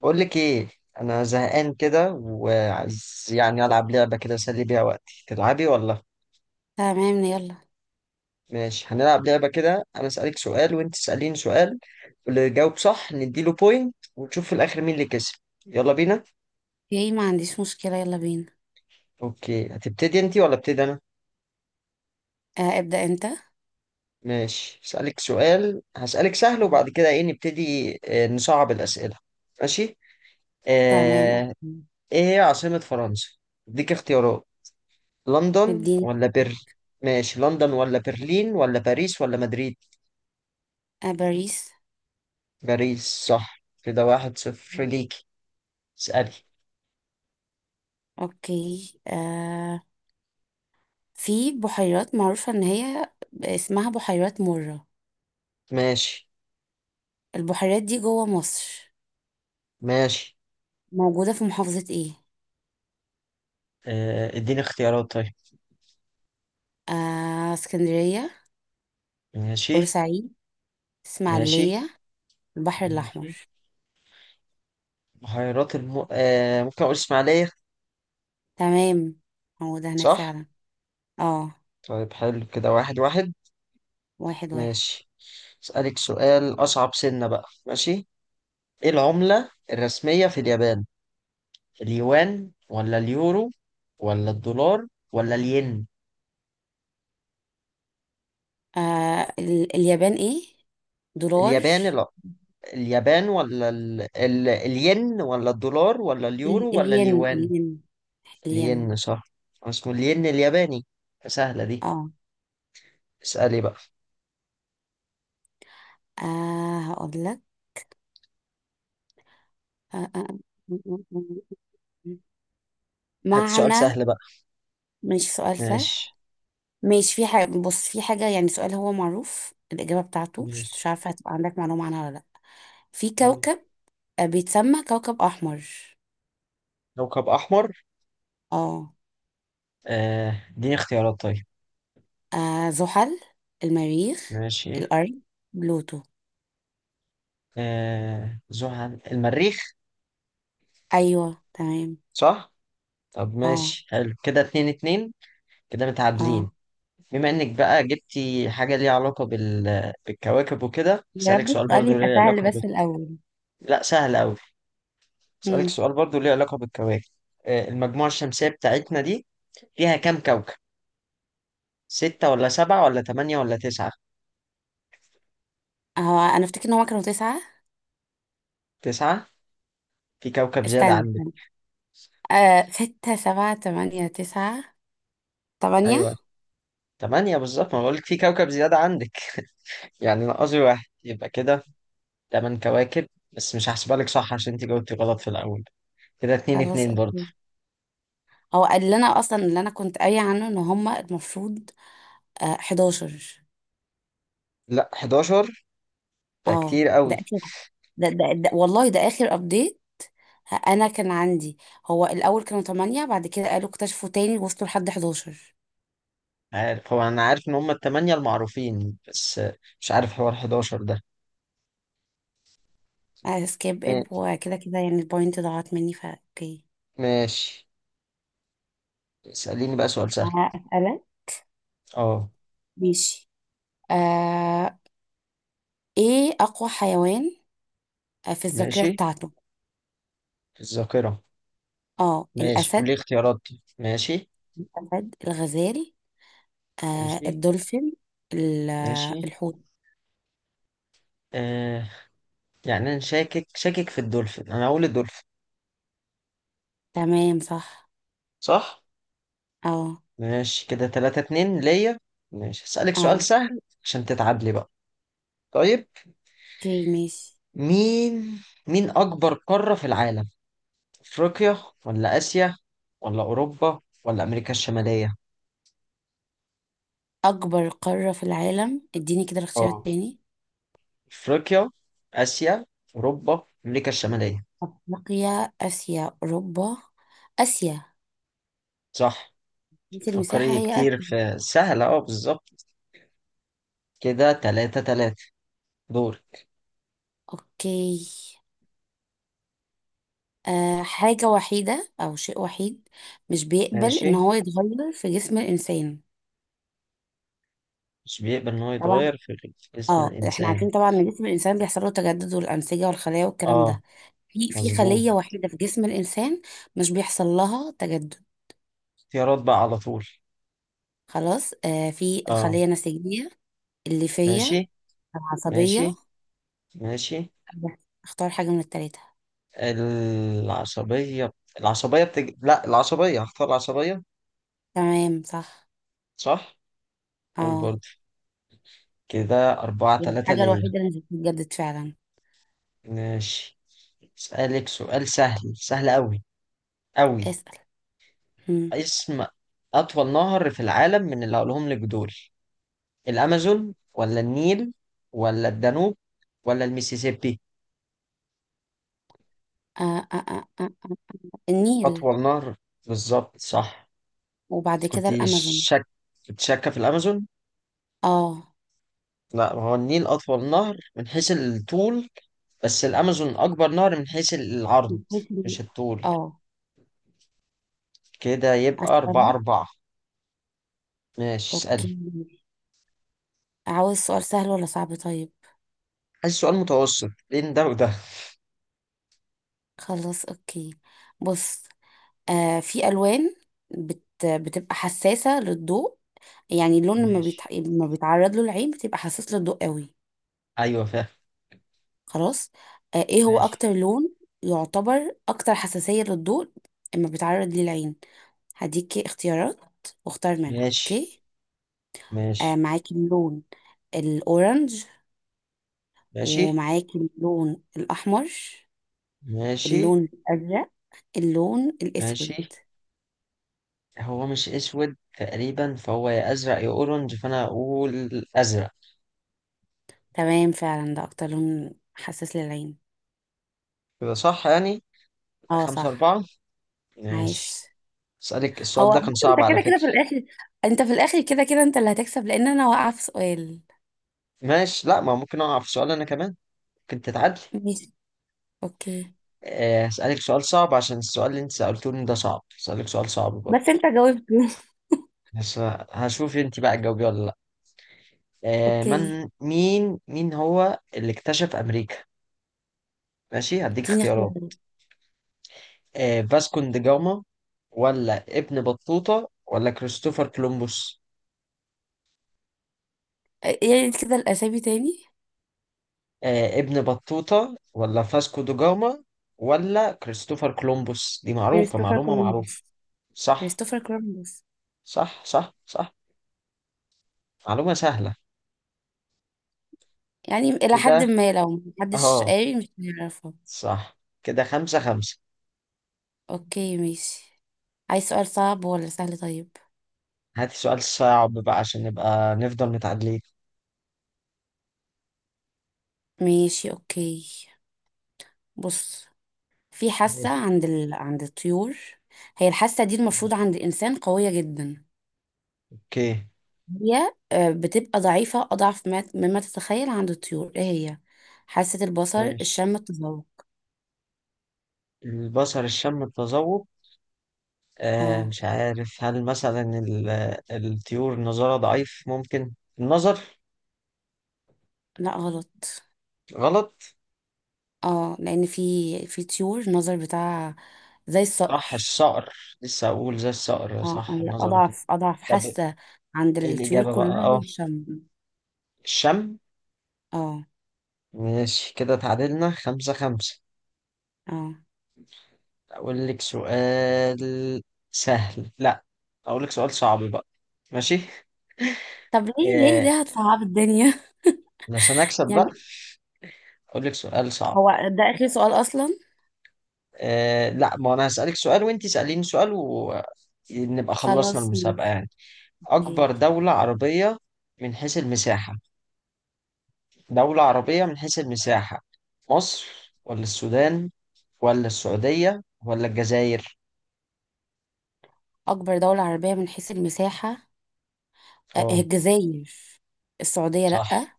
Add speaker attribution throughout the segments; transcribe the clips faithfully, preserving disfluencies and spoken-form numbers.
Speaker 1: بقول لك ايه؟ انا زهقان كده وعايز يعني العب لعبه كده اسلي بيها وقتي، تلعبي ولا؟
Speaker 2: تمام، يلا.
Speaker 1: ماشي، هنلعب لعبه كده. انا اسالك سؤال وانت تساليني سؤال، واللي يجاوب صح نديله بوينت ونشوف في الاخر مين اللي كسب. يلا بينا.
Speaker 2: اوكي، ما عنديش مشكلة، يلا بينا.
Speaker 1: اوكي، هتبتدي انت ولا ابتدي انا؟
Speaker 2: آه، ابدأ انت.
Speaker 1: ماشي، اسالك سؤال، هسالك سهل وبعد كده ايه نبتدي آه، نصعب الاسئله. ماشي.
Speaker 2: تمام،
Speaker 1: آه...
Speaker 2: اوكي.
Speaker 1: ايه هي عاصمه فرنسا؟ اديك اختيارات: لندن
Speaker 2: مدينة.
Speaker 1: ولا بر ماشي، لندن ولا برلين ولا باريس ولا مدريد؟
Speaker 2: آه، باريس.
Speaker 1: باريس، صح. كده واحد صفر ليكي. اسألي.
Speaker 2: اوكي. آه في بحيرات معروفة ان هي اسمها بحيرات مرة.
Speaker 1: ماشي.
Speaker 2: البحيرات دي جوه مصر،
Speaker 1: ماشي.
Speaker 2: موجودة في محافظة ايه؟
Speaker 1: آه، اديني اختيارات طيب.
Speaker 2: آه اسكندرية،
Speaker 1: ماشي.
Speaker 2: بورسعيد،
Speaker 1: ماشي.
Speaker 2: اسماعيلية، البحر الأحمر.
Speaker 1: ماشي. بحيرات الم... آه، ممكن اقول اسماعيلية.
Speaker 2: تمام، موجودة هناك
Speaker 1: صح.
Speaker 2: فعلا. اه.
Speaker 1: طيب، حلو، كده واحد واحد.
Speaker 2: واحد واحد.
Speaker 1: ماشي. اسألك سؤال اصعب، سنة بقى، ماشي. ايه العملة الرسمية في اليابان؟ اليوان ولا اليورو ولا الدولار ولا الين؟
Speaker 2: آه ال اليابان ايه؟ دولار.
Speaker 1: اليابان ال... اليابان ولا ال... ال... الين ولا الدولار ولا اليورو
Speaker 2: ال-
Speaker 1: ولا
Speaker 2: الين
Speaker 1: اليوان؟
Speaker 2: الين الين.
Speaker 1: الين، صح. اسمه الين الياباني. سهلة دي.
Speaker 2: اه.
Speaker 1: اسألي بقى.
Speaker 2: آه هقول لك. آه آه.
Speaker 1: هات سؤال
Speaker 2: معنى.
Speaker 1: سهل بقى.
Speaker 2: مش سؤال سهل.
Speaker 1: ماشي.
Speaker 2: مش في حاجة. بص، في حاجة يعني سؤال هو معروف الإجابة بتاعته، مش مش
Speaker 1: ماشي.
Speaker 2: عارفة هتبقى عندك معلومة عنها ولا لأ. في
Speaker 1: ماشي.
Speaker 2: كوكب، آه، بيتسمى كوكب أحمر.
Speaker 1: كوكب أحمر.
Speaker 2: اه.
Speaker 1: آه، اديني اختيارات طيب.
Speaker 2: آه، زحل، المريخ،
Speaker 1: ماشي.
Speaker 2: الأرض، بلوتو.
Speaker 1: آه... زحل، المريخ.
Speaker 2: أيوه تمام.
Speaker 1: صح. طب
Speaker 2: اه.
Speaker 1: ماشي، حلو، كده اتنين اتنين، كده
Speaker 2: اه،
Speaker 1: متعادلين. بما انك بقى جبتي حاجة ليها علاقة بال... بالكواكب وكده،
Speaker 2: يا
Speaker 1: اسألك
Speaker 2: رب
Speaker 1: سؤال
Speaker 2: السؤال
Speaker 1: برضو
Speaker 2: يبقى
Speaker 1: ليه
Speaker 2: سهل
Speaker 1: علاقة.
Speaker 2: بس الأول.
Speaker 1: لا، سهل أوي. أسألك
Speaker 2: مم.
Speaker 1: سؤال برضو ليه علاقة بالكواكب. آه، المجموعة الشمسية بتاعتنا دي فيها كام كوكب؟ ستة ولا سبعة ولا تمانية ولا تسعة؟
Speaker 2: هو أنا أفتكر إن هما كانوا تسعة.
Speaker 1: تسعة؟ في كوكب زيادة
Speaker 2: استنى
Speaker 1: عندك.
Speaker 2: استنى. آه، ستة سبعة تمانية تسعة. تمانية.
Speaker 1: أيوة، تمانية بالظبط، ما بقولك في كوكب زيادة عندك، يعني ناقصي واحد. يبقى كده تمن كواكب، بس مش هحسبها لك صح عشان انت جاوبتي غلط في الأول. كده اتنين
Speaker 2: خلاص
Speaker 1: اتنين برضه.
Speaker 2: اوكي. هو اللي انا اصلا اللي انا كنت قايله عنه ان هما المفروض آه احداشر.
Speaker 1: لا، احداشر ده
Speaker 2: اه،
Speaker 1: كتير
Speaker 2: ده
Speaker 1: قوي.
Speaker 2: اخر. ده, ده, ده والله ده اخر ابديت. انا كان عندي، هو الاول كانوا تمانية بعد كده قالوا اكتشفوا تاني وصلوا لحد إحدى عشر.
Speaker 1: عارف، هو أنا عارف إن هما التمانية المعروفين، بس آه، مش عارف حوار احداشر ده.
Speaker 2: سكيب ات،
Speaker 1: ما-
Speaker 2: وكده كده يعني البوينت ضاعت مني، فا اوكي.
Speaker 1: ماشي. اسأليني بقى سؤال سهل.
Speaker 2: هسألك.
Speaker 1: اه.
Speaker 2: ماشي. آه، ايه اقوى حيوان، آه، في الذاكرة
Speaker 1: ماشي.
Speaker 2: بتاعته؟
Speaker 1: الذاكرة.
Speaker 2: اه
Speaker 1: ماشي،
Speaker 2: الاسد.
Speaker 1: قولي اختيارات. ماشي.
Speaker 2: الأسد، الغزال، آه
Speaker 1: ماشي.
Speaker 2: الدولفين، ال-
Speaker 1: ماشي.
Speaker 2: آه، الحوت.
Speaker 1: آه، يعني انا شاكك شاكك في الدولفين، انا اقول الدولفين.
Speaker 2: تمام صح.
Speaker 1: صح.
Speaker 2: اه.
Speaker 1: ماشي، كده تلاتة اتنين ليا. ماشي، هسألك سؤال
Speaker 2: اه،
Speaker 1: سهل عشان تتعادلي بقى. طيب.
Speaker 2: اوكي ماشي.
Speaker 1: مين مين اكبر قارة في العالم؟ افريقيا ولا اسيا ولا اوروبا ولا امريكا الشمالية؟
Speaker 2: أكبر قارة في العالم؟ اديني كده الاختيار
Speaker 1: اه،
Speaker 2: التاني.
Speaker 1: افريقيا، اسيا، اوروبا، امريكا الشمالية.
Speaker 2: أفريقيا، آسيا، أوروبا. آسيا.
Speaker 1: صح.
Speaker 2: بس المساحة
Speaker 1: فكري
Speaker 2: هي آسيا.
Speaker 1: كتير في سهلة. اه، بالظبط. كده تلاتة تلاتة. دور.
Speaker 2: اوكي. آه حاجة وحيدة أو شيء وحيد مش بيقبل إن
Speaker 1: ماشي.
Speaker 2: هو يتغير في جسم الإنسان.
Speaker 1: مش بيقبل ان هو
Speaker 2: طبعا.
Speaker 1: يتغير في في اسم
Speaker 2: اه، احنا
Speaker 1: الانسان.
Speaker 2: عارفين طبعا ان جسم الإنسان بيحصل له تجدد، والأنسجة والخلايا والكلام
Speaker 1: اه،
Speaker 2: ده. في في
Speaker 1: مظبوط.
Speaker 2: خلية وحيدة في جسم الإنسان مش بيحصل لها تجدد.
Speaker 1: اختيارات بقى على طول.
Speaker 2: خلاص. آه في
Speaker 1: اه.
Speaker 2: الخلية النسيجية، الليفية،
Speaker 1: ماشي.
Speaker 2: العصبية.
Speaker 1: ماشي. ماشي.
Speaker 2: اختار حاجة من التلاتة.
Speaker 1: العصبية، العصبية بتج... لا، العصبية، هختار العصبية.
Speaker 2: تمام صح.
Speaker 1: صح. قول
Speaker 2: اه.
Speaker 1: برضه. كده أربعة
Speaker 2: هي
Speaker 1: تلاتة
Speaker 2: الحاجة
Speaker 1: ليا.
Speaker 2: الوحيدة اللي مش بتتجدد فعلا.
Speaker 1: ماشي، اسألك سؤال سهل، سهل أوي، أوي.
Speaker 2: اسأل. مم.
Speaker 1: اسم أطول نهر في العالم من اللي هقولهم لك دول: الأمازون ولا النيل ولا الدانوب ولا الميسيسيبي؟
Speaker 2: آه آه آه آه. آه. النيل.
Speaker 1: أطول نهر، بالظبط، صح.
Speaker 2: وبعد
Speaker 1: كنت
Speaker 2: كده الأمازون.
Speaker 1: شك كنت شاكة في الأمازون،
Speaker 2: اه.
Speaker 1: لا، هو النيل أطول نهر من حيث الطول، بس الأمازون أكبر نهر من حيث العرض،
Speaker 2: بتحسي-
Speaker 1: مش الطول.
Speaker 2: اه.
Speaker 1: كده يبقى أربعة
Speaker 2: أسألك.
Speaker 1: أربعة. ماشي،
Speaker 2: اوكي.
Speaker 1: اسألي.
Speaker 2: عاوز سؤال سهل ولا صعب طيب؟
Speaker 1: عايز سؤال متوسط بين ده وده.
Speaker 2: خلاص اوكي. بص، آه في ألوان بت بتبقى حساسة للضوء، يعني اللون لما بيتع...
Speaker 1: ماشي.
Speaker 2: لما بيتعرض له العين بتبقى حساس للضوء قوي.
Speaker 1: أيوة، فاهم.
Speaker 2: خلاص. آه ايه هو
Speaker 1: ماشي.
Speaker 2: أكتر لون يعتبر أكتر حساسية للضوء لما بيتعرض ليه العين؟ هديكي اختيارات واختار منها،
Speaker 1: ماشي.
Speaker 2: اوكي. آه
Speaker 1: ماشي.
Speaker 2: معاكي اللون الأورنج،
Speaker 1: ماشي.
Speaker 2: ومعاكي اللون الأحمر،
Speaker 1: ماشي.
Speaker 2: اللون الأزرق، اللون الأسود.
Speaker 1: ماشي. هو مش اسود تقريبا، فهو يا ازرق يا اورنج، فانا اقول ازرق.
Speaker 2: تمام، فعلا ده أكتر لون حساس للعين.
Speaker 1: كده صح يعني.
Speaker 2: اه
Speaker 1: خمسة
Speaker 2: صح.
Speaker 1: أربعة. ماشي.
Speaker 2: عايش.
Speaker 1: اسألك، السؤال
Speaker 2: هو
Speaker 1: ده كان
Speaker 2: بص،
Speaker 1: صعب
Speaker 2: انت
Speaker 1: على
Speaker 2: كده كده
Speaker 1: فكرة.
Speaker 2: في الاخر، انت في الاخر كده كده انت اللي هتكسب، لان انا واقعه في سؤال.
Speaker 1: ماشي، لا، ما ممكن أقع في سؤال أنا كمان، ممكن تتعدل.
Speaker 2: ماشي اوكي.
Speaker 1: آه، هسألك سؤال صعب عشان السؤال اللي أنت سألتوني ده صعب، هسألك سؤال صعب برضه.
Speaker 2: بس انت جاوبت.
Speaker 1: بس هشوف أنت بقى تجاوبي ولا لأ. آه،
Speaker 2: اوكي.
Speaker 1: من مين مين هو اللي اكتشف أمريكا؟ ماشي، هديك
Speaker 2: اديني
Speaker 1: اختيارات.
Speaker 2: اختيارات.
Speaker 1: آه، فاسكون دي جاما، ولا ابن بطوطة، ولا كريستوفر كولومبوس.
Speaker 2: اه، يعني كده الاسامي تاني.
Speaker 1: آه، ابن بطوطة ولا فاسكو دو جاما ولا كريستوفر كولومبوس، دي معروفة،
Speaker 2: كريستوفر
Speaker 1: معلومة معروفة.
Speaker 2: كولومبوس.
Speaker 1: صح،
Speaker 2: كريستوفر كولومبوس.
Speaker 1: صح، صح، صح. معلومة سهلة.
Speaker 2: يعني الى حد
Speaker 1: كده.
Speaker 2: ما لو محدش
Speaker 1: اه.
Speaker 2: قاري مش هنعرفها.
Speaker 1: صح. كده خمسة خمسة.
Speaker 2: اوكي ماشي. عايز سؤال صعب ولا سهل طيب؟
Speaker 1: هاتي سؤال صعب بقى عشان نبقى نفضل متعادلين.
Speaker 2: ماشي اوكي. بص، في حاسة
Speaker 1: ماشي.
Speaker 2: عند ال... عند الطيور، هي الحاسة دي المفروض
Speaker 1: ماشي.
Speaker 2: عند الإنسان قوية جدا.
Speaker 1: اوكي.
Speaker 2: هي آه، بتبقى ضعيفة أضعف ما- مما تتخيل عند الطيور. إيه هي؟ حاسة البصر،
Speaker 1: ماشي.
Speaker 2: الشم، التذوق.
Speaker 1: البصر، الشم، التذوق. آه،
Speaker 2: اه.
Speaker 1: مش عارف، هل مثلا ال- الطيور النظارة ضعيف، ممكن، النظر؟
Speaker 2: لا غلط.
Speaker 1: غلط.
Speaker 2: اه، لأن في، في طيور النظر بتاعها زي
Speaker 1: صح،
Speaker 2: الصقر.
Speaker 1: الصقر، لسه اقول زي الصقر،
Speaker 2: اه،
Speaker 1: صح،
Speaker 2: هي
Speaker 1: النظر وكده.
Speaker 2: أضعف أضعف
Speaker 1: طب
Speaker 2: حاسة عند
Speaker 1: ايه
Speaker 2: الطيور
Speaker 1: الاجابه بقى،
Speaker 2: كلها هي
Speaker 1: اه؟
Speaker 2: الشم.
Speaker 1: الشم.
Speaker 2: اه.
Speaker 1: ماشي، كده تعادلنا خمسة خمسة.
Speaker 2: اه.
Speaker 1: اقول لك سؤال سهل، لا، اقول لك سؤال صعب بقى. ماشي.
Speaker 2: طب، ليه ليه
Speaker 1: آه،
Speaker 2: ليه هتصعب الدنيا؟
Speaker 1: علشان اكسب بقى،
Speaker 2: يعني.
Speaker 1: اقول لك سؤال صعب.
Speaker 2: هو ده آخر سؤال أصلا.
Speaker 1: آه، لا، ما انا هسألك سؤال وانت سأليني سؤال، ونبقى خلصنا
Speaker 2: خلاص
Speaker 1: المسابقة
Speaker 2: ماشي.
Speaker 1: يعني. اكبر
Speaker 2: أوكي.
Speaker 1: دولة عربية من حيث المساحة، دولة عربية من حيث المساحة، مصر ولا السودان ولا السعودية ولا الجزائر؟
Speaker 2: أكبر دولة عربية من حيث المساحة؟ آه،
Speaker 1: اه،
Speaker 2: الجزائر. السعودية
Speaker 1: صح.
Speaker 2: لأ،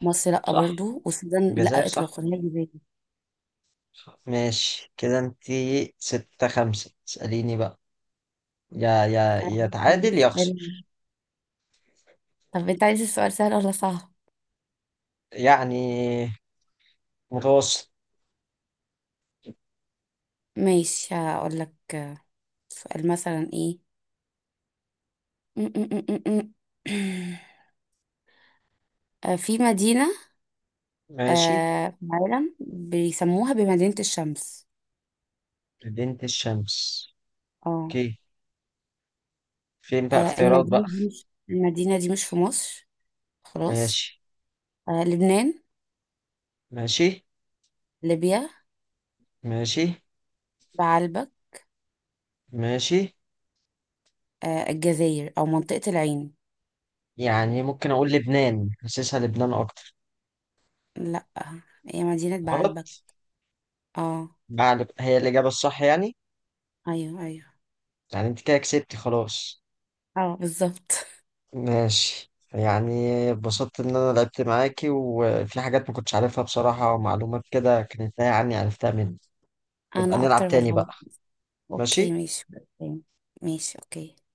Speaker 2: مصر لأ
Speaker 1: صح،
Speaker 2: برضو، والسودان
Speaker 1: الجزائر،
Speaker 2: لأ
Speaker 1: صح.
Speaker 2: إطلاقا، هي جزائر.
Speaker 1: ماشي، كده انتي ستة خمسة، اسأليني بقى، يا يا
Speaker 2: أنا
Speaker 1: يا
Speaker 2: عايزة
Speaker 1: تعادل يا
Speaker 2: السؤال.
Speaker 1: اخسر.
Speaker 2: طب أنت عايز السؤال سهل ولا صعب؟
Speaker 1: يعني متوسط.
Speaker 2: ماشي، هقول لك. سؤال مثلا إيه؟ م- م- م- م- م. آه، في مدينة
Speaker 1: ماشي.
Speaker 2: آه، في العالم بيسموها بمدينة الشمس.
Speaker 1: مدينة الشمس.
Speaker 2: اه.
Speaker 1: اوكي. فين بقى
Speaker 2: آه،
Speaker 1: اختيارات بقى؟
Speaker 2: المدينة دي مش، المدينة دي مش في مصر. خلاص.
Speaker 1: ماشي.
Speaker 2: آه، لبنان،
Speaker 1: ماشي.
Speaker 2: ليبيا،
Speaker 1: ماشي.
Speaker 2: بعلبك،
Speaker 1: ماشي.
Speaker 2: آه، الجزائر أو منطقة العين.
Speaker 1: يعني ممكن اقول لبنان، حاسسها لبنان اكتر.
Speaker 2: لأ، هي مدينة
Speaker 1: غلط.
Speaker 2: بعلبك. اه.
Speaker 1: بعد، هي الاجابة الصح يعني.
Speaker 2: أيوه أيوه.
Speaker 1: يعني انت كده كسبتي، خلاص.
Speaker 2: اه بالظبط.
Speaker 1: ماشي يعني، اتبسطت إن أنا لعبت معاكي، وفي حاجات ما كنتش عارفها بصراحة، ومعلومات كده كانت تايهة عني، عرفتها مني. نبقى
Speaker 2: انا اكتر
Speaker 1: نلعب تاني
Speaker 2: والله.
Speaker 1: بقى.
Speaker 2: اوكي
Speaker 1: ماشي.
Speaker 2: ماشي اوكي. ماشي اوكي.